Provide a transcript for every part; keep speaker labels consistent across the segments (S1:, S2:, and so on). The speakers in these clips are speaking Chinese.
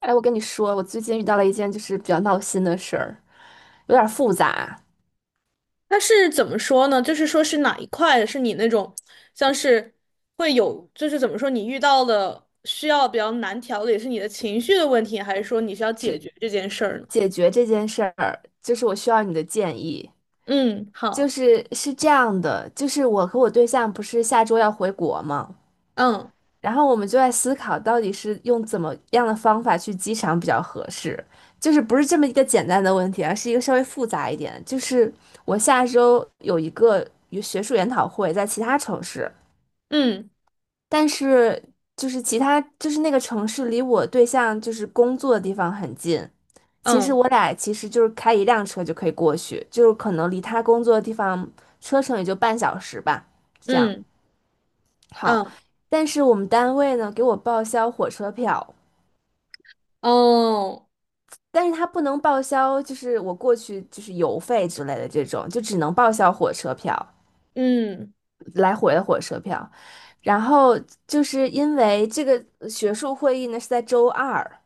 S1: 哎，我跟你说，我最近遇到了一件就是比较闹心的事儿，有点儿复杂。
S2: 它是怎么说呢？就是说是哪一块是你那种像是会有，就是怎么说你遇到的需要比较难调的，也是你的情绪的问题，还是说你需要解决这件事儿呢？
S1: 解决这件事儿，就是我需要你的建议。
S2: 嗯，
S1: 就
S2: 好，
S1: 是是这样的，就是我和我对象不是下周要回国吗？
S2: 嗯
S1: 然后我们就在思考到底是用怎么样的方法去机场比较合适。就是不是这么一个简单的问题，而是一个稍微复杂一点。就是我下周有一个学术研讨会在其他城市。
S2: 嗯
S1: 但是就是其他就是那个城市离我对象就是工作的地方很近，其实
S2: 嗯
S1: 我俩其实就是开一辆车就可以过去，就是可能离他工作的地方车程也就半小时吧，这样
S2: 嗯
S1: 好。
S2: 嗯
S1: 但是我们单位呢给我报销火车票，
S2: 哦，
S1: 但是他不能报销就是我过去就是油费之类的这种，就只能报销火车票，
S2: 嗯
S1: 来回的火车票。然后就是因为这个学术会议呢是在周二。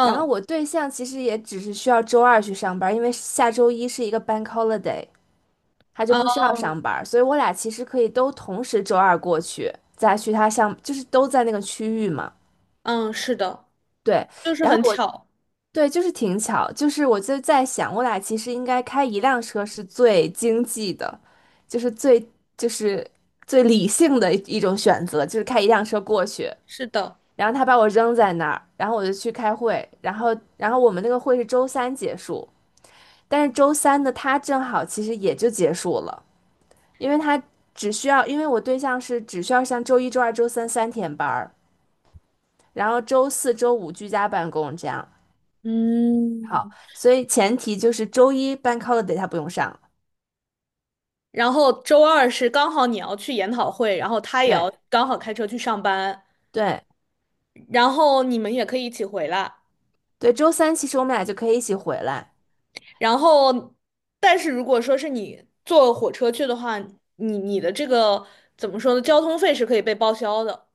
S1: 然后我对象其实也只是需要周二去上班，因为下周一是一个 bank holiday，他就
S2: 嗯
S1: 不需要上班，所以我俩其实可以都同时周二过去，再去他上，就是都在那个区域嘛。
S2: 嗯，是的，
S1: 对，
S2: 就是
S1: 然后
S2: 很
S1: 我
S2: 巧，
S1: 对就是挺巧，就是我就在想，我俩其实应该开一辆车是最经济的，就是最就是最理性的一种选择，就是开一辆车过去。
S2: 是的，
S1: 然后他把我扔在那儿，然后我就去开会，然后我们那个会是周三结束。但是周三的他正好其实也就结束了，因为他只需要，因为我对象是只需要上周一、周二、周三三天班儿，然后周四周五居家办公这样。好，
S2: 嗯。
S1: 所以前提就是周一 bank holiday 他不用上。
S2: 然后周二是刚好你要去研讨会，然后他也要
S1: 对
S2: 刚好开车去上班。
S1: 对
S2: 然后你们也可以一起回来。
S1: 对，周三其实我们俩就可以一起回来。
S2: 然后，但是如果说是你坐火车去的话，你的这个怎么说呢？交通费是可以被报销的。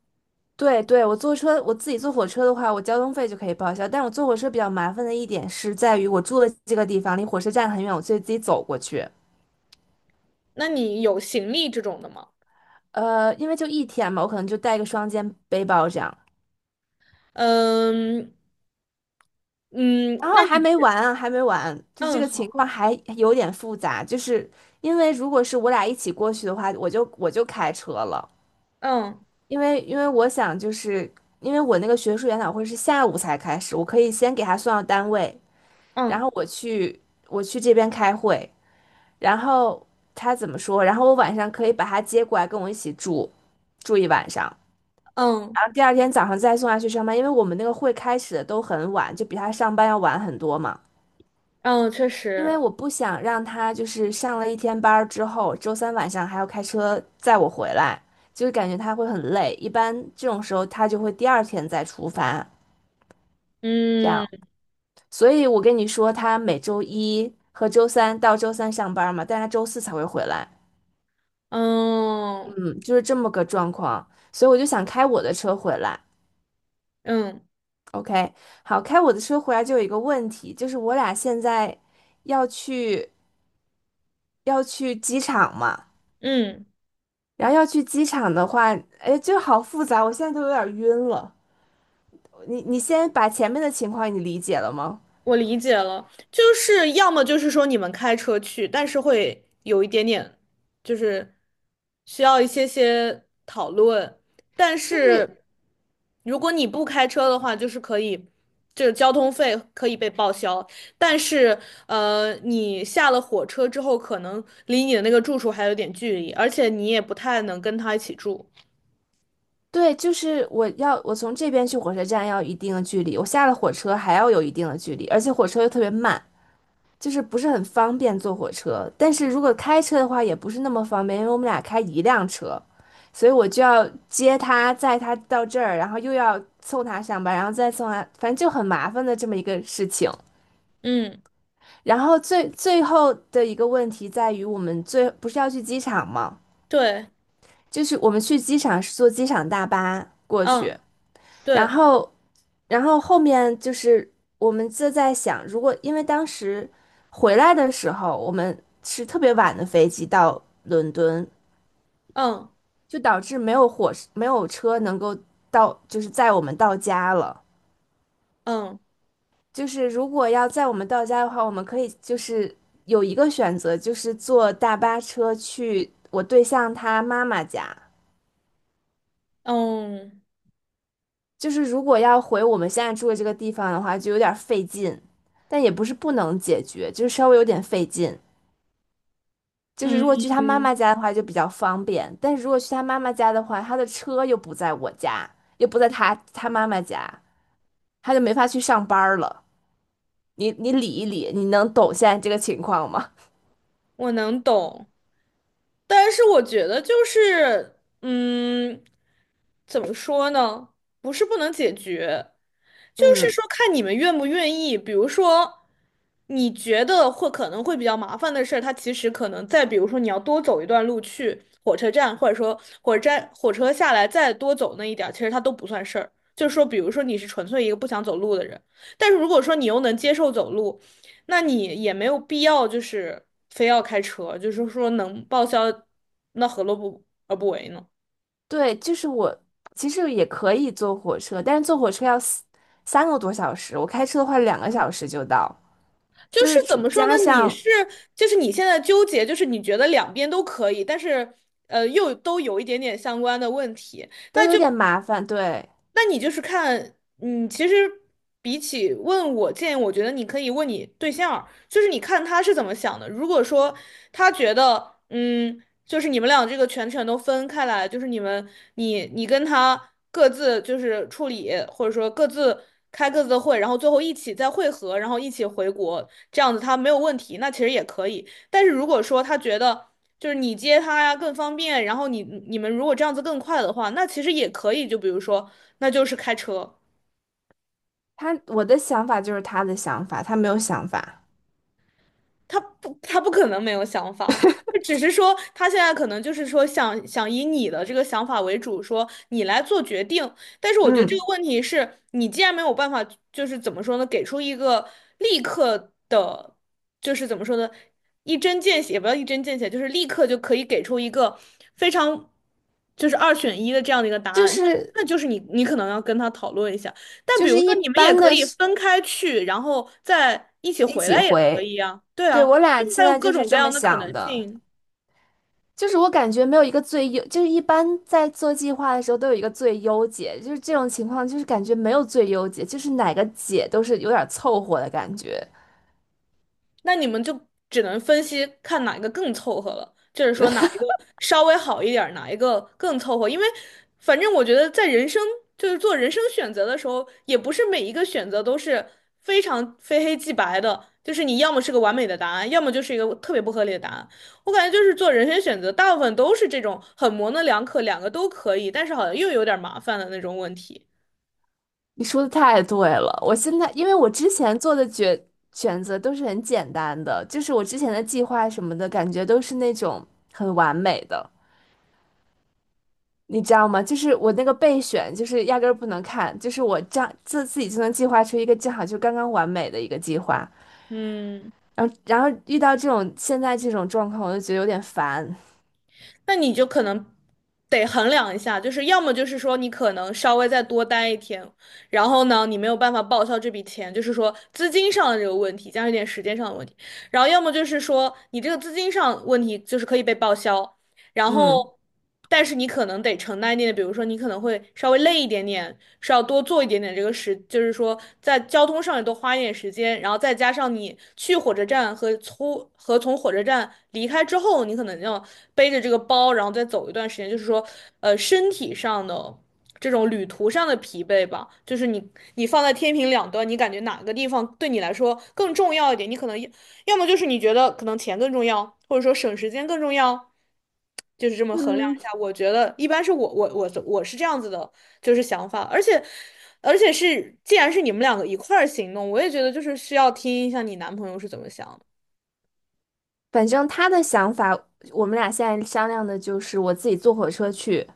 S1: 对对，我坐车，我自己坐火车的话，我交通费就可以报销。但我坐火车比较麻烦的一点是在于，我住的这个地方离火车站很远，我所以自己走过去。
S2: 那你有行李这种的吗？
S1: 因为就一天嘛，我可能就带个双肩背包这样。
S2: 嗯嗯，
S1: 然后
S2: 那你
S1: 还没完啊，还没完，就这
S2: 嗯
S1: 个情
S2: 好
S1: 况还有点复杂，就是因为如果是我俩一起过去的话，我就开车了，
S2: 嗯
S1: 因为我想就是因为我那个学术研讨会是下午才开始，我可以先给他送到单位，然
S2: 嗯
S1: 后我去这边开会，然后他怎么说，然后我晚上可以把他接过来跟我一起住一晚上，
S2: 嗯
S1: 然后第二天早上再送他去上班，因为我们那个会开始的都很晚，就比他上班要晚很多嘛。
S2: 嗯，确
S1: 因为
S2: 实
S1: 我不想让他就是上了一天班儿之后，周三晚上还要开车载我回来，就是感觉他会很累。一般这种时候他就会第二天再出发，这样。
S2: 嗯
S1: 所以我跟你说，他每周一和周三到周三上班嘛，但他周四才会回来，
S2: 嗯
S1: 嗯，就是这么个状况。所以我就想开我的车回来。
S2: 嗯
S1: OK，好，开我的车回来就有一个问题，就是我俩现在要去要去机场嘛。
S2: 嗯。
S1: 然后要去机场的话，哎，就好复杂，我现在都有点晕了。你先把前面的情况你理解了吗？
S2: 我理解了，就是要么就是说你们开车去，但是会有一点点，就是需要一些些讨论。但
S1: 就是
S2: 是如果你不开车的话，就是可以，就是交通费可以被报销。但是你下了火车之后，可能离你的那个住处还有点距离，而且你也不太能跟他一起住。
S1: 对，就是我从这边去火车站要一定的距离，我下了火车还要有一定的距离，而且火车又特别慢，就是不是很方便坐火车。但是如果开车的话也不是那么方便，因为我们俩开一辆车，所以我就要接他，载他到这儿，然后又要送他上班，然后再送他，反正就很麻烦的这么一个事情。
S2: 嗯，
S1: 然后最后的一个问题在于，我们不是要去机场吗？
S2: 对，
S1: 就是我们去机场是坐机场大巴过
S2: 嗯，
S1: 去，然
S2: 对，
S1: 后然后后面就是我们就在想，如果因为当时回来的时候我们是特别晚的飞机到伦敦，
S2: 嗯，
S1: 就导致没有车能够到，就是载我们到家了。
S2: 嗯，
S1: 就是如果要在我们到家的话，我们可以就是有一个选择，就是坐大巴车去我对象他妈妈家。
S2: 嗯，嗯。
S1: 就是如果要回我们现在住的这个地方的话，就有点费劲，但也不是不能解决，就是稍微有点费劲。就是如果去他妈
S2: 嗯，
S1: 妈家的话就比较方便，但是如果去他妈妈家的话，他的车又不在我家，又不在他妈妈家，他就没法去上班了。你理一理，你能懂现在这个情况吗？
S2: 我能懂，但是我觉得就是，嗯，怎么说呢？不是不能解决，就是
S1: 嗯。
S2: 说看你们愿不愿意。比如说，你觉得可能会比较麻烦的事儿，它其实可能再比如说你要多走一段路去火车站，或者说火车站火车下来再多走那一点儿其实它都不算事儿。就是说，比如说你是纯粹一个不想走路的人，但是如果说你又能接受走路。那你也没有必要就是非要开车，就是说能报销，那何乐不而不为呢？
S1: 对，就是我其实也可以坐火车，但是坐火车要3个多小时，我开车的话两个小时就到，
S2: 就
S1: 就
S2: 是
S1: 是
S2: 怎么说呢？
S1: 加上
S2: 就是你现在纠结，就是你觉得两边都可以，但是又都有一点点相关的问题，
S1: 都
S2: 那
S1: 有
S2: 就
S1: 点麻烦。对，
S2: 那你就是看，嗯，其实比起问我建议，我觉得你可以问你对象儿就是你看他是怎么想的。如果说他觉得，嗯，就是你们俩这个全权都分开来，就是你们你你跟他各自就是处理，或者说各自开各自的会，然后最后一起再会合，然后一起回国，这样子他没有问题，那其实也可以。但是如果说他觉得，就是你接他呀更方便，然后你们如果这样子更快的话，那其实也可以。就比如说，那就是开车。
S1: 他，我的想法就是他的想法，他没有想法。
S2: 他不可能没有想法，就只是说他现在可能就是说想想以你的这个想法为主，说你来做决定。但是我觉得这个
S1: 嗯，
S2: 问题是你既然没有办法，就是怎么说呢，给出一个立刻的，就是怎么说呢，一针见血，也不要一针见血，就是立刻就可以给出一个非常就是二选一的这样的一个答
S1: 就
S2: 案，那
S1: 是
S2: 那就是你可能要跟他讨论一下。但
S1: 就
S2: 比如
S1: 是
S2: 说，
S1: 一
S2: 你们也
S1: 般
S2: 可
S1: 的
S2: 以
S1: 是
S2: 分开去，然后再一起
S1: 一
S2: 回
S1: 起
S2: 来也可
S1: 回。
S2: 以啊。对
S1: 对，
S2: 啊，
S1: 我
S2: 就
S1: 俩
S2: 是
S1: 现
S2: 还有
S1: 在就
S2: 各
S1: 是
S2: 种各
S1: 这么
S2: 样的可
S1: 想
S2: 能
S1: 的。
S2: 性。
S1: 就是我感觉没有一个最优，就是一般在做计划的时候都有一个最优解，就是这种情况，就是感觉没有最优解，就是哪个解都是有点凑合的感觉。
S2: 那你们就只能分析看哪一个更凑合了，就是说哪一个稍微好一点儿哪一个更凑合。因为反正我觉得在人生就是做人生选择的时候，也不是每一个选择都是非常非黑即白的，就是你要么是个完美的答案，要么就是一个特别不合理的答案。我感觉就是做人生选择，大部分都是这种很模棱两可，两个都可以，但是好像又有点儿麻烦的那种问题。
S1: 你说的太对了，我现在因为我之前做的选择都是很简单的，就是我之前的计划什么的感觉都是那种很完美的，你知道吗？就是我那个备选，就是压根儿不能看，就是我这样自己就能计划出一个正好就刚刚完美的一个计划。
S2: 嗯。
S1: 然后遇到这种现在这种状况，我就觉得有点烦。
S2: 那你就可能得衡量一下，就是要么就是说你可能稍微再多待一天，然后呢，你没有办法报销这笔钱，就是说资金上的这个问题，加上一点时间上的问题，然后要么就是说你这个资金上问题就是可以被报销，然
S1: 嗯，
S2: 后，但是你可能得承担一点点，比如说你可能会稍微累一点点，是要多做一点点这个时，就是说在交通上也多花一点时间，然后再加上你去火车站和从火车站离开之后，你可能要背着这个包，然后再走一段时间，就是说，身体上的。这种旅途上的疲惫吧，就是你放在天平两端，你感觉哪个地方对你来说更重要一点？你可能要要么就是你觉得可能钱更重要，或者说省时间更重要，就是这么衡量
S1: 嗯，
S2: 一下，我觉得一般是我是这样子的，就是想法，而且是既然是你们两个一块儿行动，我也觉得就是需要听一下你男朋友是怎么想的。
S1: 反正他的想法，我们俩现在商量的就是我自己坐火车去，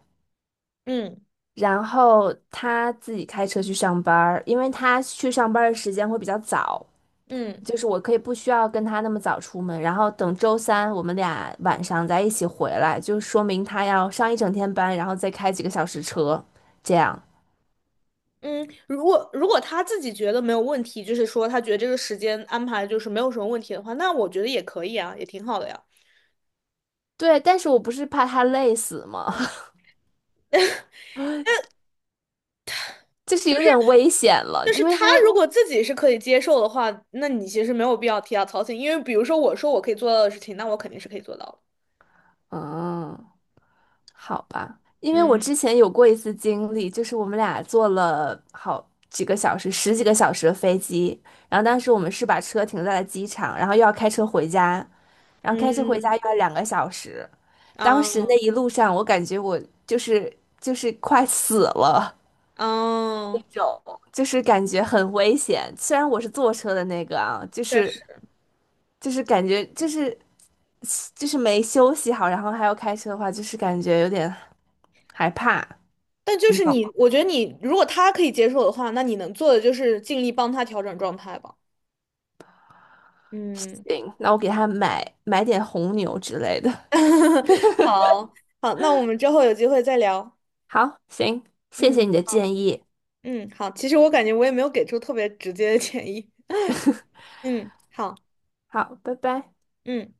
S2: 嗯
S1: 然后他自己开车去上班儿因为他去上班儿的时间会比较早，
S2: 嗯
S1: 就是我可以不需要跟他那么早出门，然后等周三我们俩晚上再一起回来，就说明他要上一整天班，然后再开几个小时车，这样。
S2: 嗯，如果他自己觉得没有问题，就是说他觉得这个时间安排就是没有什么问题的话，那我觉得也可以啊，也挺好的呀。
S1: 对，但是我不是怕他累死吗？就是有点危险了，
S2: 就是
S1: 因为
S2: 他
S1: 他，
S2: 如果自己是可以接受的话，那你其实没有必要替他操心，因为比如说我说我可以做到的事情，那我肯定是可以做到的。
S1: 嗯，好吧，因为我
S2: 嗯
S1: 之前有过一次经历，就是我们俩坐了好几个小时，十几个小时的飞机，然后当时我们是把车停在了机场，然后又要开车回家，然后开车回
S2: 嗯
S1: 家又要两个小时，当
S2: 啊。
S1: 时
S2: 嗯
S1: 那一路上我感觉我就是快死了。那
S2: 哦，
S1: 种，就是感觉很危险。虽然我是坐车的那个啊，就
S2: 确
S1: 是
S2: 实，
S1: 就是感觉就是没休息好，然后还要开车的话，就是感觉有点害怕。
S2: 但就
S1: 你
S2: 是
S1: 懂？吗？
S2: 我觉得你如果他可以接受的话，那你能做的就是尽力帮他调整状态吧。嗯，
S1: 行，那我给他买买点红牛之类的。
S2: 好，好，那我们之后有机会再聊。
S1: 好，行，谢谢
S2: 嗯
S1: 你的
S2: 好，
S1: 建议。
S2: 嗯，好，其实我感觉我也没有给出特别直接的建议。嗯，好，
S1: 好，拜拜。
S2: 嗯。